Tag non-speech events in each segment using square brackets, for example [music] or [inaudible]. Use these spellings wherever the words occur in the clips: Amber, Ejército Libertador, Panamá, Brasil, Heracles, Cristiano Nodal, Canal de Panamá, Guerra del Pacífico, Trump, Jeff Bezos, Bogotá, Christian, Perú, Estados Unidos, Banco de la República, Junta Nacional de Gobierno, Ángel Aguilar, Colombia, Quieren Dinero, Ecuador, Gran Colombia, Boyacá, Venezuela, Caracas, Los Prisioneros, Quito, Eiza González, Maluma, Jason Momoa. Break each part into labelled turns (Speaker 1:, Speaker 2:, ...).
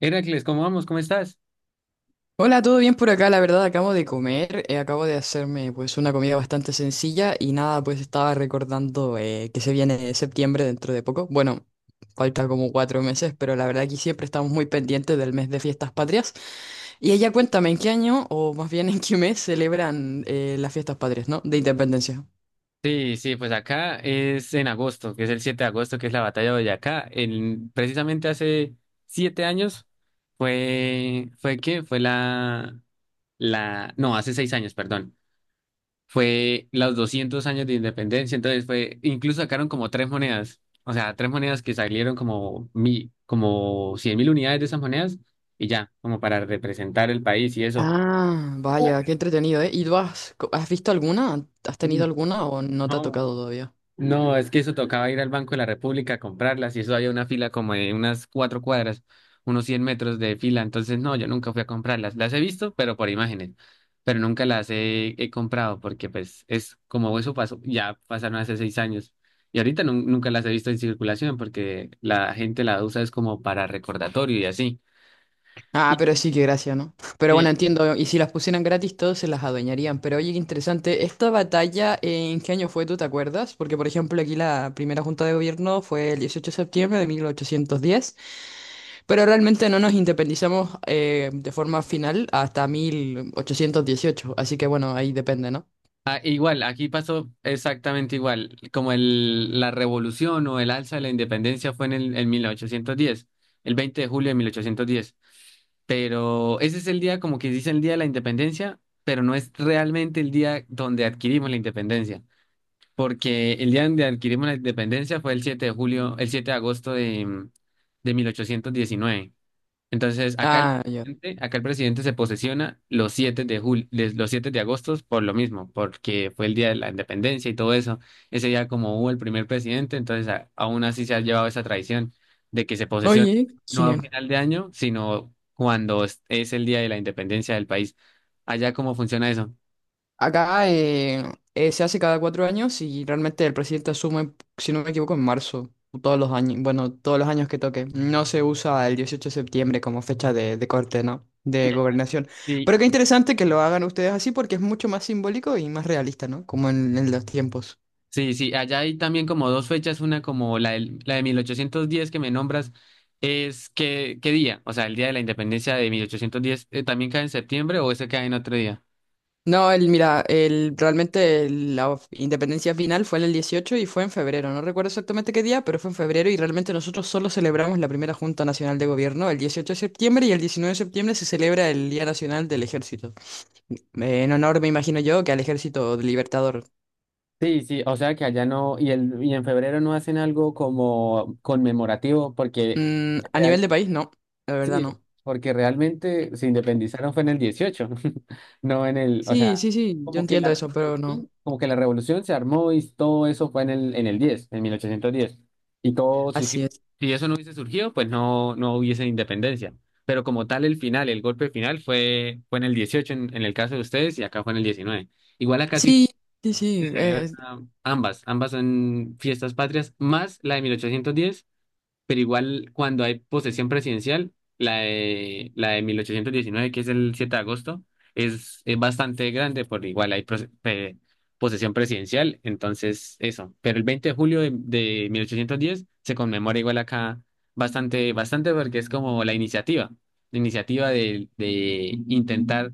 Speaker 1: Heracles, ¿cómo vamos? ¿Cómo estás?
Speaker 2: Hola, ¿todo bien por acá? La verdad, acabo de comer, acabo de hacerme pues una comida bastante sencilla y nada, pues estaba recordando que se viene septiembre dentro de poco. Bueno, falta como 4 meses, pero la verdad aquí siempre estamos muy pendientes del mes de fiestas patrias. Y ella cuéntame, ¿en qué año o más bien en qué mes celebran las fiestas patrias, no? De independencia.
Speaker 1: Sí, sí, pues acá es en agosto, que es el 7 de agosto, que es la Batalla de Boyacá. Precisamente hace siete años fue, ¿fue qué? Fue la, la, no, hace seis años, perdón. Fue los 200 años de independencia. Entonces fue, incluso sacaron como tres monedas, o sea, tres monedas que salieron como como 100 mil unidades de esas monedas y ya, como para representar el país y eso.
Speaker 2: Ah, vaya, qué entretenido, ¿eh? ¿Y tú has visto alguna? ¿Has tenido alguna o no te ha tocado todavía?
Speaker 1: No, es que eso tocaba ir al Banco de la República a comprarlas, y eso había una fila como de unas cuatro cuadras, unos 100 metros de fila. Entonces, no, yo nunca fui a comprarlas. Las he visto, pero por imágenes, pero nunca las he comprado, porque pues es como eso pasó, ya pasaron hace seis años y ahorita nunca las he visto en circulación, porque la gente la usa es como para recordatorio y así.
Speaker 2: Ah, pero sí, que gracia, ¿no? Pero
Speaker 1: Sí.
Speaker 2: bueno, entiendo, y si las pusieran gratis, todos se las adueñarían. Pero oye, qué interesante, ¿esta batalla en qué año fue, tú te acuerdas? Porque, por ejemplo, aquí la primera junta de gobierno fue el 18 de septiembre de 1810, pero realmente no nos independizamos de forma final hasta 1818. Así que bueno, ahí depende, ¿no?
Speaker 1: Ah, igual, aquí pasó exactamente igual, como la revolución o el alza de la independencia fue en el en 1810, el 20 de julio de 1810. Pero ese es el día como que dice el día de la independencia, pero no es realmente el día donde adquirimos la independencia, porque el día donde adquirimos la independencia fue el 7 de julio, el 7 de agosto de 1819. Entonces,
Speaker 2: Ah, ya.
Speaker 1: acá el presidente se posesiona los 7 de julio, los 7 de agosto por lo mismo, porque fue el día de la independencia y todo eso. Ese día como hubo el primer presidente, entonces aún así se ha llevado esa tradición de que se posesiona
Speaker 2: Oye,
Speaker 1: no a
Speaker 2: genial.
Speaker 1: final de año, sino cuando es el día de la independencia del país. Allá cómo funciona eso.
Speaker 2: Acá se hace cada 4 años y realmente el presidente asume, si no me equivoco, en marzo, o todos los años, bueno, todos los años que toque. No se usa el 18 de septiembre como fecha de corte, ¿no? De
Speaker 1: Ya.
Speaker 2: gobernación.
Speaker 1: Sí.
Speaker 2: Pero qué interesante que lo hagan ustedes así porque es mucho más simbólico y más realista, ¿no? Como en los tiempos.
Speaker 1: Sí, sí, allá hay también como dos fechas, una como la de 1810 que me nombras, es qué día, o sea, el día de la independencia de 1810, ¿también cae en septiembre o ese cae en otro día?
Speaker 2: No, mira, realmente la independencia final fue en el 18 y fue en febrero. No recuerdo exactamente qué día, pero fue en febrero y realmente nosotros solo celebramos la primera Junta Nacional de Gobierno el 18 de septiembre y el 19 de septiembre se celebra el Día Nacional del Ejército. Eh, En honor, me imagino yo, que al Ejército Libertador.
Speaker 1: Sí, sí, o sea que allá no, y en febrero no hacen algo como conmemorativo, porque…
Speaker 2: Mm, a nivel de país, no, la verdad
Speaker 1: Sí,
Speaker 2: no.
Speaker 1: porque realmente se independizaron fue en el 18, [laughs] no en el, o
Speaker 2: Sí,
Speaker 1: sea,
Speaker 2: sí, sí, yo entiendo eso, pero no.
Speaker 1: como que la revolución se armó y todo eso fue en el 10, en mil ochocientos diez. Y todo surgió.
Speaker 2: Así es.
Speaker 1: Si eso no hubiese surgido, pues no hubiese independencia. Pero como tal el final, el golpe final fue en el 18 en el caso de ustedes, y acá fue en el 19. Igual acá sí
Speaker 2: Sí, sí, sí.
Speaker 1: se celebra ambas son fiestas patrias, más la de mil ochocientos diez, pero igual cuando hay posesión presidencial, la de 1819 que es el 7 de agosto, es bastante grande, por igual hay posesión presidencial, entonces eso. Pero el 20 de julio de 1810 se conmemora igual acá bastante porque es como la iniciativa, de intentar…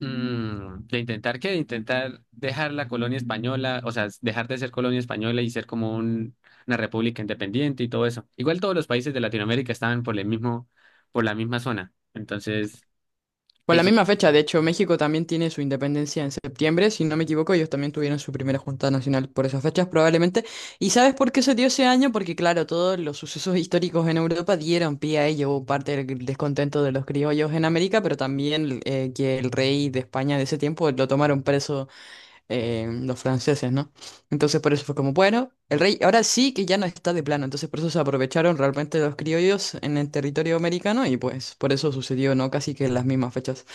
Speaker 1: Mm, ¿de intentar qué? De intentar dejar la colonia española, o sea, dejar de ser colonia española y ser como una república independiente y todo eso. Igual todos los países de Latinoamérica estaban por el mismo, por la misma zona. Entonces…
Speaker 2: Por la misma fecha, de hecho, México también tiene su independencia en septiembre, si no me equivoco, ellos también tuvieron su primera junta nacional por esas fechas probablemente. ¿Y sabes por qué se dio ese año? Porque claro, todos los sucesos históricos en Europa dieron pie a ello, hubo parte del descontento de los criollos en América, pero también que el rey de España de ese tiempo lo tomaron preso, los franceses, ¿no? Entonces por eso fue como, bueno, el rey ahora sí que ya no está de plano, entonces por eso se aprovecharon realmente los criollos en el territorio americano y pues por eso sucedió, ¿no? Casi que en las mismas fechas.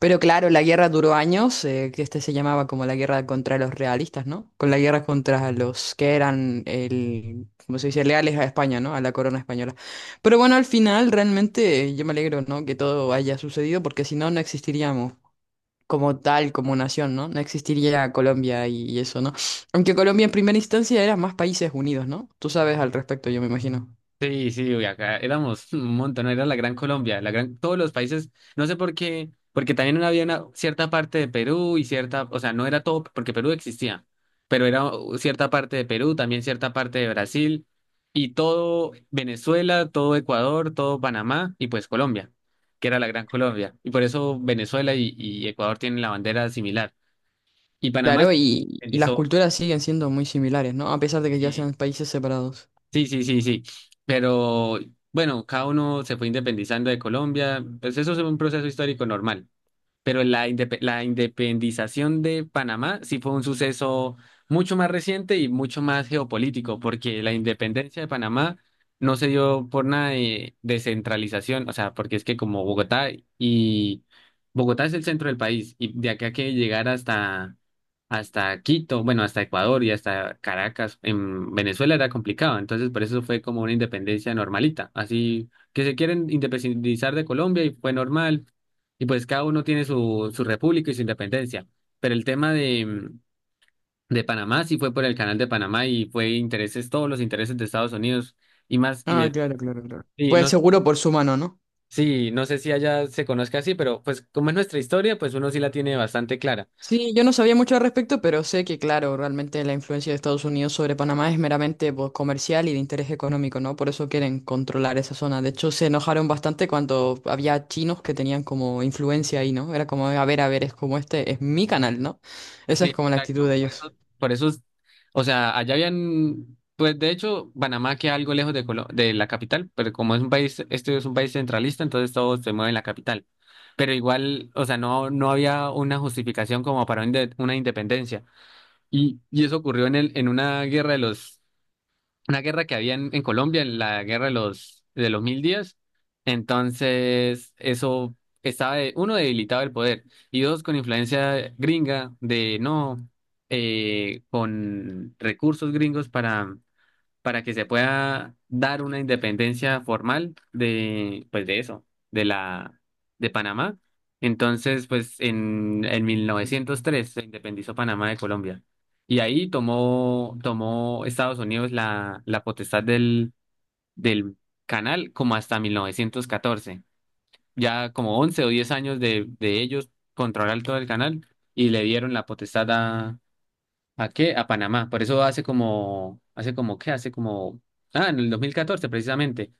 Speaker 2: Pero claro, la guerra duró años, que este se llamaba como la guerra contra los realistas, ¿no? Con la guerra contra los que eran, como se dice, leales a España, ¿no? A la corona española. Pero bueno, al final realmente yo me alegro, ¿no? Que todo haya sucedido, porque si no, no existiríamos como tal, como nación, ¿no? No existiría Colombia y eso, ¿no? Aunque Colombia en primera instancia era más países unidos, ¿no? Tú sabes al respecto, yo me imagino.
Speaker 1: Sí, sí, uy, acá éramos un montón, era la Gran Colombia, la gran, todos los países, no sé por qué, porque también no había una cierta parte de Perú y cierta, o sea, no era todo, porque Perú existía, pero era cierta parte de Perú, también cierta parte de Brasil, y todo Venezuela, todo Ecuador, todo Panamá, y pues Colombia, que era la Gran Colombia, y por eso Venezuela y Ecuador tienen la bandera similar, y Panamá
Speaker 2: Claro,
Speaker 1: se
Speaker 2: y las
Speaker 1: independizó,
Speaker 2: culturas siguen siendo muy similares, ¿no? A pesar de que ya
Speaker 1: eh.
Speaker 2: sean países separados.
Speaker 1: Sí, sí, sí, sí. Pero bueno, cada uno se fue independizando de Colombia. Pues eso es un proceso histórico normal, pero la independización de Panamá sí fue un suceso mucho más reciente y mucho más geopolítico, porque la independencia de Panamá no se dio por nada de descentralización, o sea, porque es que como Bogotá y Bogotá es el centro del país, y de acá que llegar hasta Quito, bueno, hasta Ecuador y hasta Caracas en Venezuela era complicado, entonces por eso fue como una independencia normalita, así que se quieren independizar de Colombia y fue normal, y pues cada uno tiene su, su república y su independencia. Pero el tema de, mm, de Panamá sí fue por el Canal de Panamá y fue intereses, todos los intereses de Estados Unidos y más,
Speaker 2: Ah, claro, claro, claro.
Speaker 1: y
Speaker 2: Fue
Speaker 1: no,
Speaker 2: seguro por su mano, ¿no?
Speaker 1: sí, no sé si allá se conozca así, pero pues como es nuestra historia, pues uno sí la tiene bastante clara.
Speaker 2: Sí, yo no sabía mucho al respecto, pero sé que, claro, realmente la influencia de Estados Unidos sobre Panamá es meramente, pues, comercial y de interés económico, ¿no? Por eso quieren controlar esa zona. De hecho, se enojaron bastante cuando había chinos que tenían como influencia ahí, ¿no? Era como, a ver, es como este, es mi canal, ¿no? Esa
Speaker 1: Sí,
Speaker 2: es como la actitud
Speaker 1: exacto.
Speaker 2: de
Speaker 1: Por
Speaker 2: ellos.
Speaker 1: eso, por eso es- o sea, allá habían, pues de hecho, Panamá queda algo lejos de, de la capital, pero como es un país, este es un país centralista, entonces todo se mueve en la capital. Pero igual, o sea, no, no había una justificación como para una independencia. Y eso ocurrió en una guerra que había en Colombia, en la guerra de los Mil Días. Entonces, eso estaba, uno, debilitado el poder, y dos, con influencia gringa de no, con recursos gringos para que se pueda dar una independencia formal de, pues de eso, de la, de Panamá. Entonces, pues en 1903 se independizó Panamá de Colombia. Y ahí tomó Estados Unidos la potestad del canal como hasta 1914. Ya como 11 o 10 años de ellos controlar todo el canal, y le dieron la potestad ¿a qué? A Panamá. Por eso hace como, ¿qué? Hace como, ah, en el 2014 precisamente,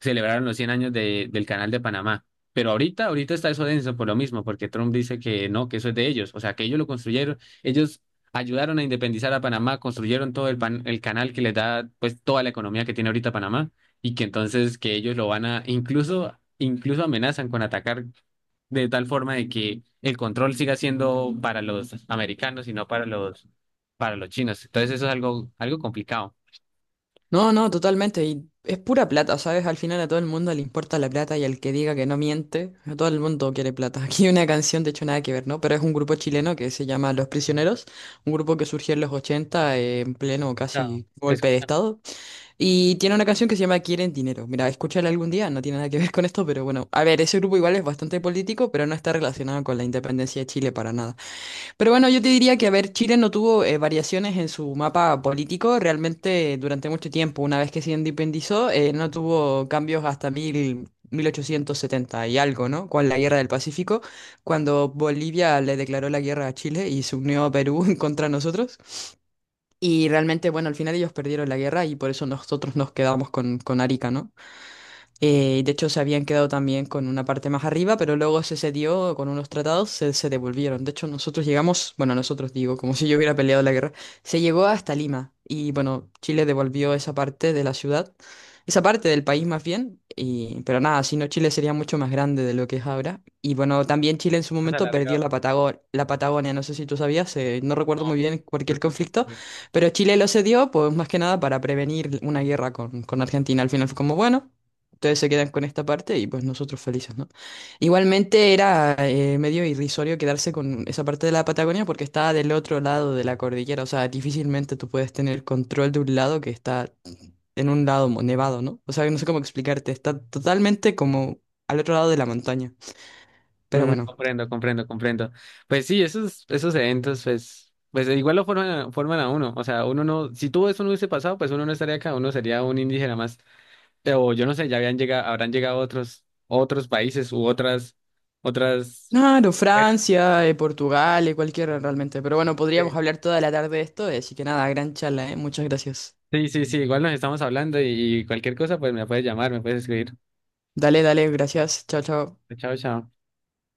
Speaker 1: celebraron los 100 años del Canal de Panamá. Pero ahorita está eso denso por lo mismo, porque Trump dice que no, que eso es de ellos, o sea, que ellos lo construyeron, ellos ayudaron a independizar a Panamá, construyeron todo el canal que les da pues toda la economía que tiene ahorita Panamá, y que entonces que ellos lo van a, incluso amenazan con atacar de tal forma de que el control siga siendo para los americanos y no para los, para los chinos. Entonces eso es algo, algo complicado.
Speaker 2: No, no, totalmente. Y es pura plata, ¿sabes? Al final a todo el mundo le importa la plata y al que diga que no miente, a todo el mundo quiere plata. [laughs] Aquí hay una canción, de hecho, nada que ver, ¿no? Pero es un grupo chileno que se llama Los Prisioneros, un grupo que surgió en los ochenta, en pleno
Speaker 1: Claro,
Speaker 2: casi
Speaker 1: es
Speaker 2: golpe de
Speaker 1: bastante
Speaker 2: estado. Y tiene una canción que se llama Quieren Dinero. Mira, escúchala algún día, no tiene nada que ver con esto, pero bueno. A ver, ese grupo igual es bastante político, pero no está relacionado con la independencia de Chile para nada. Pero bueno, yo te diría que, a ver, Chile no tuvo variaciones en su mapa político realmente durante mucho tiempo. Una vez que se independizó, no tuvo cambios hasta 1870 y algo, ¿no? Con la Guerra del Pacífico, cuando Bolivia le declaró la guerra a Chile y se unió a Perú [laughs] contra nosotros. Y realmente, bueno, al final ellos perdieron la guerra y por eso nosotros nos quedamos con Arica, ¿no? De hecho, se habían quedado también con una parte más arriba, pero luego se cedió con unos tratados, se devolvieron. De hecho, nosotros llegamos, bueno, nosotros digo, como [laughs] si yo hubiera peleado la guerra, se llegó hasta Lima y bueno, Chile devolvió esa parte de la ciudad, esa parte del país más bien, pero nada, si no, Chile sería mucho más grande de lo que es ahora. Y bueno, también Chile en su momento perdió la
Speaker 1: alargado.
Speaker 2: Patago- la Patagonia, no sé si tú sabías, no recuerdo
Speaker 1: No,
Speaker 2: muy bien
Speaker 1: no,
Speaker 2: cualquier
Speaker 1: no,
Speaker 2: conflicto,
Speaker 1: no.
Speaker 2: pero Chile lo cedió, pues más que nada para prevenir una guerra con Argentina. Al final fue como, bueno, ustedes se quedan con esta parte y pues nosotros felices, ¿no? Igualmente era medio irrisorio quedarse con esa parte de la Patagonia porque estaba del otro lado de la cordillera, o sea, difícilmente tú puedes tener control de un lado que está en un lado nevado, ¿no? O sea, no sé cómo explicarte, está totalmente como al otro lado de la montaña, pero
Speaker 1: Mm,
Speaker 2: bueno.
Speaker 1: comprendo, comprendo, comprendo. Pues sí, esos eventos, pues, pues igual lo forman, forman a uno. O sea, uno no, si todo eso no hubiese pasado, pues uno no estaría acá, uno sería un indígena más. O yo no sé, ya habían llegado, habrán llegado otros, otros países u otras, otras.
Speaker 2: Claro, Francia, Portugal, cualquiera realmente. Pero bueno, podríamos
Speaker 1: este,
Speaker 2: hablar toda la tarde de esto, así que nada, gran charla, ¿eh? Muchas gracias.
Speaker 1: Sí, sí, sí, igual nos estamos hablando, y cualquier cosa, pues me puedes llamar, me puedes escribir.
Speaker 2: Dale, dale, gracias. Chao, chao.
Speaker 1: Chao, chao.